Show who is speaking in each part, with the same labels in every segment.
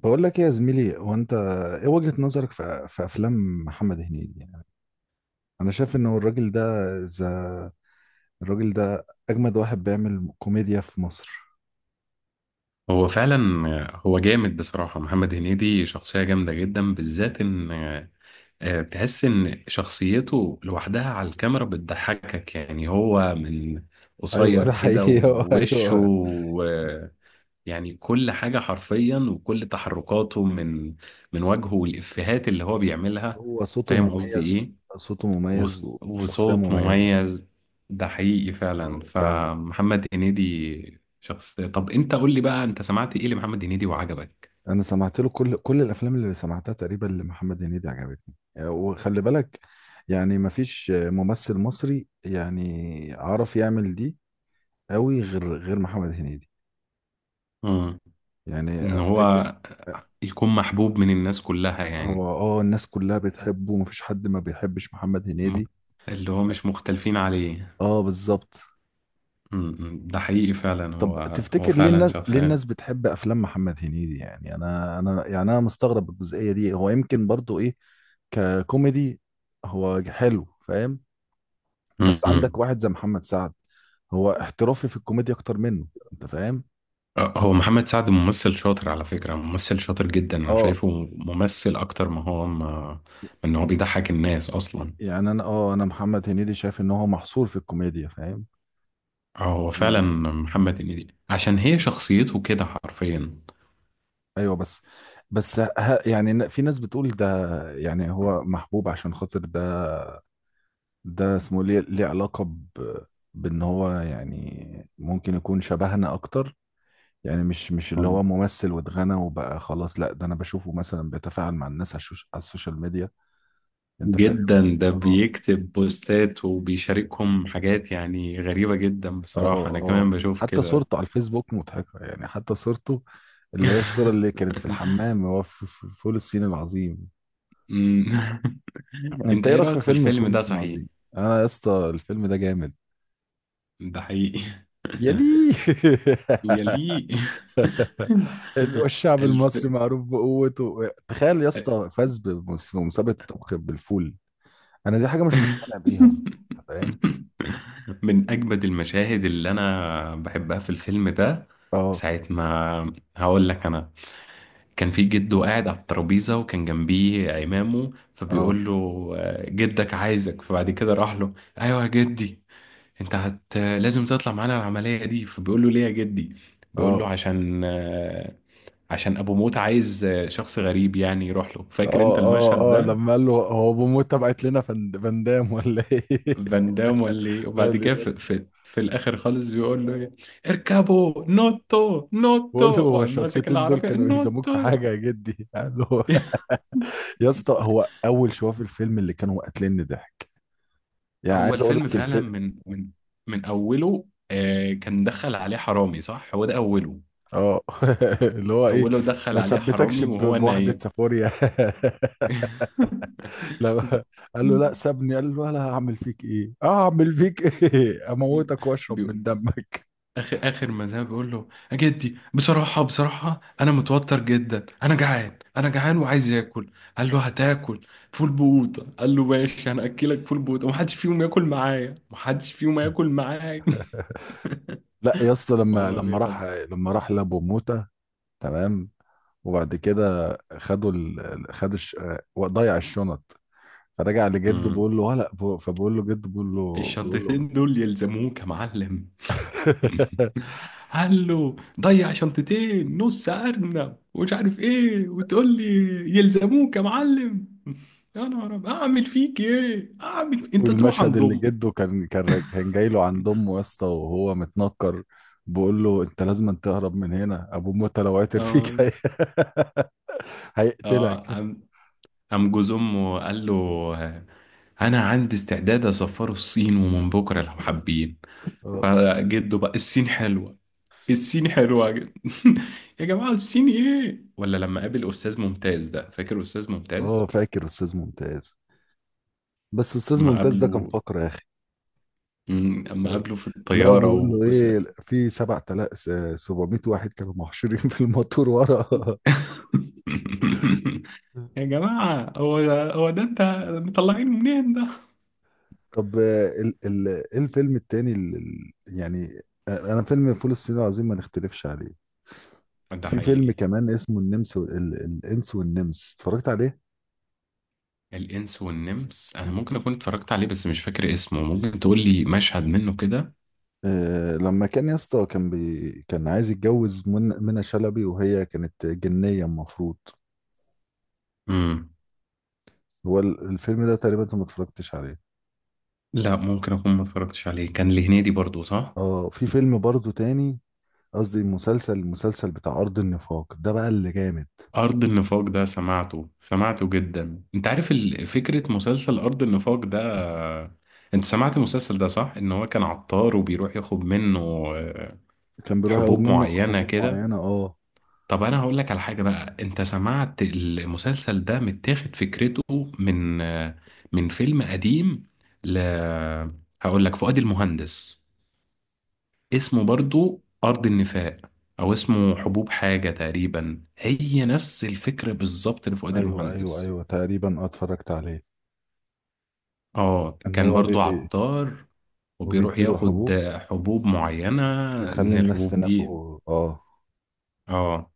Speaker 1: بقول لك ايه يا زميلي. هو انت ايه وجهة نظرك في افلام محمد هنيدي؟ يعني انا شايف انه الراجل ده ذا الراجل ده اجمد واحد بيعمل كوميديا في مصر.
Speaker 2: هو فعلا. هو جامد بصراحة، محمد هنيدي شخصية جامدة جدا، بالذات ان تحس ان شخصيته لوحدها على الكاميرا بتضحكك. يعني هو من
Speaker 1: ايوه
Speaker 2: قصير
Speaker 1: ده
Speaker 2: كده
Speaker 1: حقيقي
Speaker 2: ووشه
Speaker 1: ايوه.
Speaker 2: يعني كل حاجة حرفيا، وكل تحركاته من وجهه والإفيهات اللي هو بيعملها.
Speaker 1: هو صوته
Speaker 2: فاهم قصدي
Speaker 1: مميز،
Speaker 2: ايه؟
Speaker 1: صوته مميز وشخصية
Speaker 2: وصوت
Speaker 1: مميزة.
Speaker 2: مميز. ده حقيقي فعلا،
Speaker 1: اه فعلا،
Speaker 2: فمحمد هنيدي شخصية. طب انت قول لي بقى، انت سمعت ايه لمحمد هنيدي وعجبك؟
Speaker 1: انا سمعت له كل الافلام، اللي سمعتها تقريبا لمحمد هنيدي عجبتني. وخلي بالك يعني مفيش ممثل مصري يعني عرف يعمل دي قوي غير محمد هنيدي.
Speaker 2: مم.
Speaker 1: يعني
Speaker 2: ان
Speaker 1: افتكر
Speaker 2: هو يكون محبوب من الناس كلها
Speaker 1: هو،
Speaker 2: يعني.
Speaker 1: اه الناس كلها بتحبه، مفيش حد ما بيحبش محمد
Speaker 2: م-
Speaker 1: هنيدي.
Speaker 2: اللي هو مش مختلفين عليه.
Speaker 1: اه بالظبط.
Speaker 2: مم. ده حقيقي فعلا. هو
Speaker 1: طب
Speaker 2: هو
Speaker 1: تفتكر ليه
Speaker 2: فعلا
Speaker 1: الناس، ليه
Speaker 2: شخصية.
Speaker 1: الناس بتحب افلام محمد هنيدي؟ يعني انا، انا مستغرب الجزئية دي. هو يمكن برضو ايه ككوميدي هو حلو، فاهم؟ بس عندك
Speaker 2: مم.
Speaker 1: واحد زي محمد سعد هو احترافي في الكوميديا اكتر منه، انت فاهم؟
Speaker 2: هو محمد سعد ممثل شاطر على فكرة، ممثل شاطر جدا. انا
Speaker 1: اه.
Speaker 2: شايفه ممثل اكتر ما هو ما ان هو بيضحك الناس اصلا.
Speaker 1: يعني انا، اه انا محمد هنيدي شايف ان هو محصور في الكوميديا، فاهم؟
Speaker 2: اه هو فعلا، محمد هنيدي عشان هي شخصيته كده حرفيا.
Speaker 1: ايوه بس. بس ه... يعني في ناس بتقول ده، يعني هو محبوب عشان خاطر ده. ده اسمه ليه، ليه علاقة بان هو يعني ممكن يكون شبهنا اكتر. يعني مش اللي هو ممثل واتغنى وبقى خلاص، لا ده انا بشوفه مثلا بيتفاعل مع الناس على على السوشيال ميديا، انت فاهم؟
Speaker 2: جدا، ده
Speaker 1: اه،
Speaker 2: بيكتب بوستات وبيشاركهم حاجات يعني غريبة جدا
Speaker 1: اه،
Speaker 2: بصراحة، أنا
Speaker 1: اه.
Speaker 2: كمان بشوف
Speaker 1: حتى
Speaker 2: كده.
Speaker 1: صورته على الفيسبوك مضحكة، يعني حتى صورته اللي هي الصورة اللي كانت في الحمام هو في في فول الصين العظيم.
Speaker 2: أمم.
Speaker 1: انت
Speaker 2: أنت
Speaker 1: ايه
Speaker 2: إيه
Speaker 1: رايك في
Speaker 2: رأيك في
Speaker 1: فيلم
Speaker 2: الفيلم
Speaker 1: فول
Speaker 2: ده
Speaker 1: الصين
Speaker 2: صحيح؟
Speaker 1: العظيم؟ انا يا اسطى الفيلم ده جامد
Speaker 2: ده حقيقي.
Speaker 1: يا ليه.
Speaker 2: يليق.
Speaker 1: والشعب
Speaker 2: الف...
Speaker 1: المصري معروف بقوته، تخيل يا اسطى فاز بمسابقه الطبخ بالفول. انا دي حاجه مش مقتنع بيها برضه، انت فاهم؟
Speaker 2: من أجمد المشاهد اللي أنا بحبها في الفيلم ده،
Speaker 1: اه،
Speaker 2: ساعة ما هقول لك أنا. كان في جده قاعد على الترابيزة وكان جنبيه عمامه،
Speaker 1: اه،
Speaker 2: فبيقول له جدك عايزك. فبعد كده راح له، ايوه يا جدي. انت هت لازم تطلع معانا العملية دي. فبيقول له ليه يا جدي؟ بيقول له
Speaker 1: اه،
Speaker 2: عشان عشان ابو موت عايز شخص غريب يعني يروح له. فاكر
Speaker 1: اه،
Speaker 2: انت المشهد
Speaker 1: اه، اه
Speaker 2: ده؟
Speaker 1: لما قال له هو بموتة بعت لنا فندام ولا ايه؟
Speaker 2: فان دام ولا ايه؟ وبعد
Speaker 1: قال لي
Speaker 2: كده
Speaker 1: يا
Speaker 2: في,
Speaker 1: اسطى،
Speaker 2: في, في الاخر خالص بيقول له إيه؟ اركبوا نوتو نوتو،
Speaker 1: بقول له هو
Speaker 2: وقام ماسك
Speaker 1: الشلطتين دول
Speaker 2: العربية
Speaker 1: كانوا يلزموك في
Speaker 2: نوتو.
Speaker 1: حاجه يا جدي؟ قال له يا اسطى هو اول شويه في الفيلم اللي كانوا قاتليني ضحك. يعني
Speaker 2: هو
Speaker 1: عايز اقول
Speaker 2: الفيلم
Speaker 1: لك
Speaker 2: فعلا
Speaker 1: الفيلم
Speaker 2: من اوله. آه، كان دخل عليه حرامي صح؟ هو ده اوله،
Speaker 1: اه. اللي هو ايه،
Speaker 2: اوله دخل
Speaker 1: ما
Speaker 2: عليه
Speaker 1: ثبتكش
Speaker 2: حرامي وهو
Speaker 1: بواحدة
Speaker 2: نايم.
Speaker 1: سافوريا. لو قال له لا سابني، قال له لا هعمل فيك ايه، اه هعمل فيك ايه اموتك واشرب من
Speaker 2: بي...
Speaker 1: دمك.
Speaker 2: اخر اخر ما ذهب بيقول له يا جدي، بصراحه بصراحه انا متوتر جدا، انا جعان انا جعان وعايز اكل. قال له هتاكل فول بوطه. قال له ماشي، انا اكلك فول بوطه، ومحدش فيهم ياكل معايا، محدش فيهم ياكل معايا.
Speaker 1: لا يا اسطى، لما
Speaker 2: هما
Speaker 1: لما
Speaker 2: بيغلط.
Speaker 1: راح لما راح لابو موتة. تمام. وبعد كده خدوا خدوا الش... آه، ضيع الشنط، فرجع لجده بيقول له ولا. فبقول له جده، بيقول له
Speaker 2: الشنطتين دول يلزموه كمعلم. قال له ضيع شنطتين نص ارنب ومش عارف ايه وتقول لي يلزموك يا معلم؟ يا نهار أبيض، اعمل فيك ايه؟ انت تروح
Speaker 1: والمشهد
Speaker 2: عند
Speaker 1: اللي
Speaker 2: امك.
Speaker 1: جده كان جاي له عند امه يا اسطى وهو متنكر، بيقول له انت لازم تهرب من هنا، ابو موتى لو عثر فيك
Speaker 2: اه اه.
Speaker 1: هيقتلك.
Speaker 2: قام جوز امه قال له آه، انا عندي استعداد اسفره الصين ومن بكره لو حابين.
Speaker 1: اه،
Speaker 2: فجده بقى، الصين حلوه، الصيني حلوة جدا. يا جماعة الصيني ايه؟ ولا لما قابل أستاذ ممتاز؟ ده فاكر أستاذ
Speaker 1: اه
Speaker 2: ممتاز؟
Speaker 1: فاكر استاذ ممتاز. بس استاذ
Speaker 2: ما
Speaker 1: ممتاز ده كان
Speaker 2: قابله،
Speaker 1: فقر يا اخي.
Speaker 2: اما قابله في
Speaker 1: لا هو
Speaker 2: الطيارة
Speaker 1: بيقول له ايه، في 7000 700 واحد كانوا محشورين في الموتور ورا.
Speaker 2: يا جماعة، هو ده هو ده انت مطلعين منين ده؟
Speaker 1: طب ال ايه الفيلم التاني، يعني انا فيلم فول الصين العظيم ما نختلفش عليه.
Speaker 2: ده
Speaker 1: في فيلم
Speaker 2: حقيقي.
Speaker 1: كمان اسمه النمس الانس والنمس، اتفرجت عليه؟
Speaker 2: الإنس والنمس أنا
Speaker 1: مم.
Speaker 2: ممكن أكون اتفرجت عليه بس مش فاكر اسمه. ممكن تقول لي مشهد منه كده؟
Speaker 1: آه لما كان يا اسطى كان عايز يتجوز من منى شلبي وهي كانت جنية المفروض.
Speaker 2: مم.
Speaker 1: هو الفيلم ده تقريبا انت ما اتفرجتش عليه.
Speaker 2: لا، ممكن أكون ما اتفرجتش عليه. كان لهنيدي برضو صح؟
Speaker 1: اه في فيلم برضه تاني، قصدي مسلسل، المسلسل بتاع أرض النفاق ده بقى اللي جامد.
Speaker 2: أرض النفاق ده سمعته سمعته جدا. أنت عارف فكرة مسلسل أرض النفاق ده؟ أنت سمعت المسلسل ده صح؟ إن هو كان عطار وبيروح ياخد منه آه،
Speaker 1: كان بيروح ياخد
Speaker 2: حبوب
Speaker 1: منه
Speaker 2: معينة
Speaker 1: حبوب
Speaker 2: كده.
Speaker 1: معينة، اه.
Speaker 2: طب أنا هقول لك على حاجة بقى، أنت سمعت المسلسل ده متاخد فكرته من من فيلم قديم ل هقول لك، فؤاد المهندس، اسمه برضو أرض النفاق، أو اسمه حبوب حاجة تقريبا، هي نفس الفكرة بالظبط لفؤاد
Speaker 1: ايوه، ايوه،
Speaker 2: المهندس.
Speaker 1: ايوه تقريبا، اتفرجت عليه.
Speaker 2: اه،
Speaker 1: ان
Speaker 2: كان
Speaker 1: هو بي
Speaker 2: برضو
Speaker 1: بي
Speaker 2: عطار وبيروح
Speaker 1: وبيديله
Speaker 2: ياخد
Speaker 1: حبوب
Speaker 2: حبوب معينة،
Speaker 1: تخلي
Speaker 2: من
Speaker 1: الناس
Speaker 2: الحبوب دي.
Speaker 1: تنافقه، اه.
Speaker 2: اه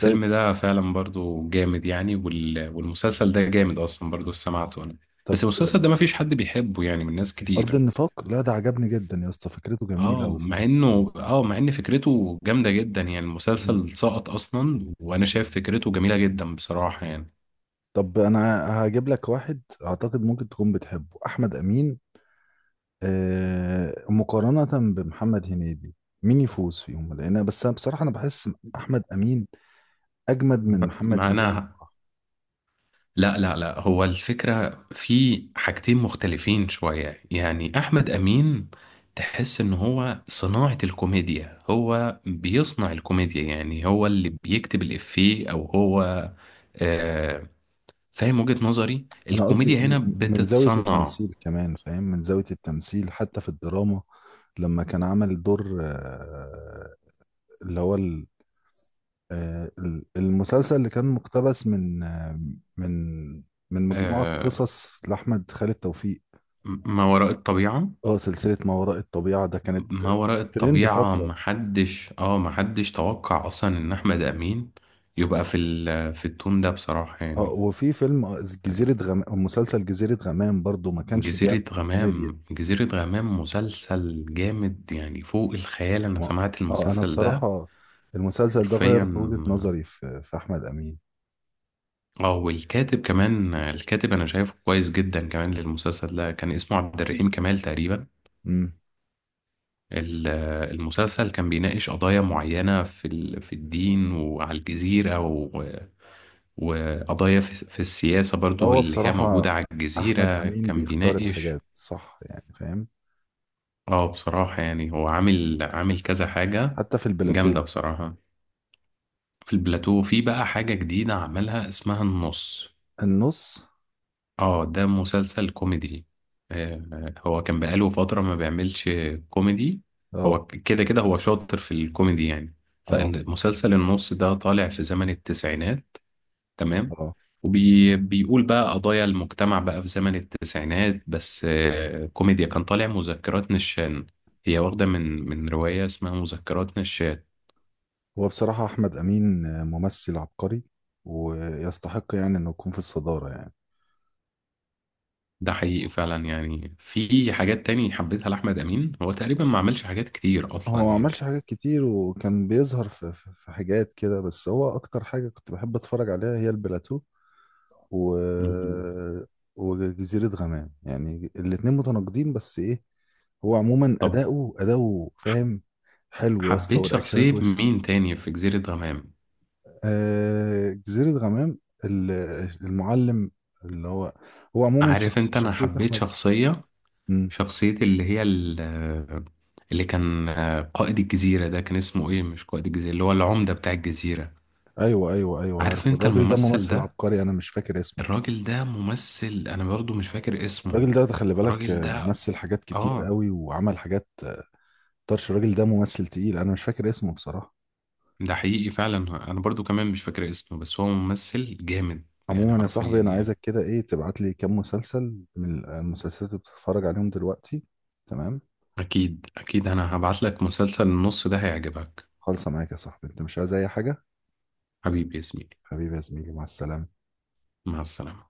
Speaker 1: طيب.
Speaker 2: ده فعلا برضو جامد يعني، والمسلسل ده جامد اصلا برضو سمعته انا.
Speaker 1: طب
Speaker 2: بس المسلسل ده ما فيش حد بيحبه يعني من ناس
Speaker 1: أرض
Speaker 2: كتير.
Speaker 1: النفاق، لا ده عجبني جدا يا اسطى، فكرته جميلة
Speaker 2: اه مع انه، اه مع ان فكرته جامدة جدا يعني،
Speaker 1: مم.
Speaker 2: المسلسل سقط اصلا وانا شايف فكرته جميلة جدا بصراحة يعني.
Speaker 1: طب أنا هجيب لك واحد أعتقد ممكن تكون بتحبه، أحمد أمين. آه مقارنة بمحمد هنيدي، مين يفوز فيهم؟ لأن بس أنا بصراحة أنا بحس أحمد أمين أجمد من محمد
Speaker 2: ما
Speaker 1: هنيدي.
Speaker 2: انا، لا لا لا، هو الفكرة في حاجتين مختلفين شوية يعني. أحمد أمين تحس إن هو صناعة الكوميديا، هو بيصنع الكوميديا، يعني هو اللي بيكتب الإفيه أو هو، آه، فاهم وجهة نظري؟
Speaker 1: أنا قصدي
Speaker 2: الكوميديا هنا
Speaker 1: من زاوية
Speaker 2: بتتصنع.
Speaker 1: التمثيل كمان، فاهم؟ من زاوية التمثيل، حتى في الدراما لما كان عمل دور آه، اللي هو آه، ال- المسلسل اللي كان مقتبس من من من مجموعة
Speaker 2: آه،
Speaker 1: قصص لأحمد خالد توفيق.
Speaker 2: ما وراء الطبيعة.
Speaker 1: اه سلسلة ما وراء الطبيعة ده كانت
Speaker 2: ما وراء
Speaker 1: ترند
Speaker 2: الطبيعة
Speaker 1: فترة.
Speaker 2: محدش توقع أصلا إن أحمد أمين يبقى في في التون ده بصراحة
Speaker 1: اه
Speaker 2: يعني.
Speaker 1: وفي فيلم، جزيرة غمام، مسلسل جزيرة غمام برضو ما كانش بيعمل
Speaker 2: جزيرة
Speaker 1: كوميديا.
Speaker 2: غمام. جزيرة غمام مسلسل جامد يعني فوق الخيال. أنا
Speaker 1: ما
Speaker 2: سمعت
Speaker 1: اه أنا
Speaker 2: المسلسل ده
Speaker 1: بصراحة المسلسل ده غير
Speaker 2: حرفيا.
Speaker 1: في وجهة نظري في أحمد أمين.
Speaker 2: اه، والكاتب كمان، الكاتب أنا شايفه كويس جدا كمان للمسلسل ده، كان اسمه عبد الرحيم كمال تقريبا.
Speaker 1: امم.
Speaker 2: ال- المسلسل كان بيناقش قضايا معينة في في الدين وعلى الجزيرة وقضايا في السياسة برضو،
Speaker 1: هو
Speaker 2: اللي هي
Speaker 1: بصراحة
Speaker 2: موجودة على
Speaker 1: أحمد
Speaker 2: الجزيرة
Speaker 1: أمين
Speaker 2: كان
Speaker 1: بيختار
Speaker 2: بيناقش.
Speaker 1: الحاجات صح يعني، فاهم؟
Speaker 2: اه بصراحة يعني هو عامل عامل كذا حاجة
Speaker 1: حتى في
Speaker 2: جامدة
Speaker 1: البلاتو،
Speaker 2: بصراحة. في البلاتو في بقى حاجة جديدة عملها اسمها النص.
Speaker 1: النص.
Speaker 2: اه ده مسلسل كوميدي. هو كان بقاله فترة ما بيعملش كوميدي.
Speaker 1: اه،
Speaker 2: هو كده كده هو شاطر في الكوميدي يعني.
Speaker 1: اه،
Speaker 2: فالمسلسل النص ده طالع في زمن التسعينات، تمام.
Speaker 1: اه.
Speaker 2: وبيقول بقى قضايا المجتمع بقى في زمن التسعينات، بس كوميديا. كان طالع مذكرات نشان، هي واخدة من رواية اسمها مذكرات نشان.
Speaker 1: هو بصراحة أحمد أمين ممثل عبقري، ويستحق يعني إنه يكون في الصدارة يعني.
Speaker 2: ده حقيقي فعلا يعني، في حاجات تاني حبيتها لأحمد أمين. هو تقريبا ما عملش حاجات كتير
Speaker 1: هو
Speaker 2: أصلا
Speaker 1: ما
Speaker 2: يعني.
Speaker 1: عملش حاجات كتير وكان بيظهر في, في حاجات كده، بس هو أكتر حاجة كنت بحب أتفرج عليها هي البلاتو و...
Speaker 2: مم.
Speaker 1: وجزيرة غمام. يعني الاتنين متناقضين بس إيه، هو عموما
Speaker 2: طب
Speaker 1: أداؤه
Speaker 2: ح-
Speaker 1: فاهم حلو يا اسطى،
Speaker 2: حبيت
Speaker 1: ورياكشنات
Speaker 2: شخصية
Speaker 1: وش.
Speaker 2: مين تاني في جزيرة غمام؟
Speaker 1: آه جزيرة غمام ال- المعلم اللي هو، هو عموما
Speaker 2: عارف أنت، أنا
Speaker 1: شخصية
Speaker 2: حبيت
Speaker 1: أحمد.
Speaker 2: شخصية،
Speaker 1: مم.
Speaker 2: شخصية اللي هي اللي كان قائد الجزيرة ده، كان اسمه إيه؟ مش قائد الجزيرة، اللي هو العمدة بتاع الجزيرة.
Speaker 1: ايوه، ايوه، ايوه
Speaker 2: عارف
Speaker 1: عارف
Speaker 2: أنت
Speaker 1: الراجل ده
Speaker 2: الممثل
Speaker 1: ممثل
Speaker 2: ده؟
Speaker 1: عبقري، انا مش فاكر اسمه.
Speaker 2: الراجل ده ممثل، أنا برضو مش فاكر اسمه.
Speaker 1: الراجل ده خلي بالك،
Speaker 2: الراجل ده،
Speaker 1: مثل حاجات كتير
Speaker 2: اه،
Speaker 1: قوي، وعمل حاجات طرش. الراجل ده ممثل تقيل، انا مش فاكر اسمه بصراحة.
Speaker 2: ده حقيقي فعلا. انا برضو كمان مش فاكر اسمه، بس هو ممثل جامد يعني
Speaker 1: عموما يا صاحبي
Speaker 2: حرفيا
Speaker 1: انا
Speaker 2: يعني.
Speaker 1: عايزك كده ايه، تبعت لي كام مسلسل من المسلسلات اللي بتتفرج عليهم دلوقتي، تمام؟
Speaker 2: اكيد اكيد انا هبعت لك مسلسل النص ده، هيعجبك.
Speaker 1: خالصة معاك يا صاحبي، انت مش عايز اي حاجة؟
Speaker 2: حبيبي يا زميلي،
Speaker 1: حبيبي يا زميلي، مع السلامة.
Speaker 2: مع السلامة.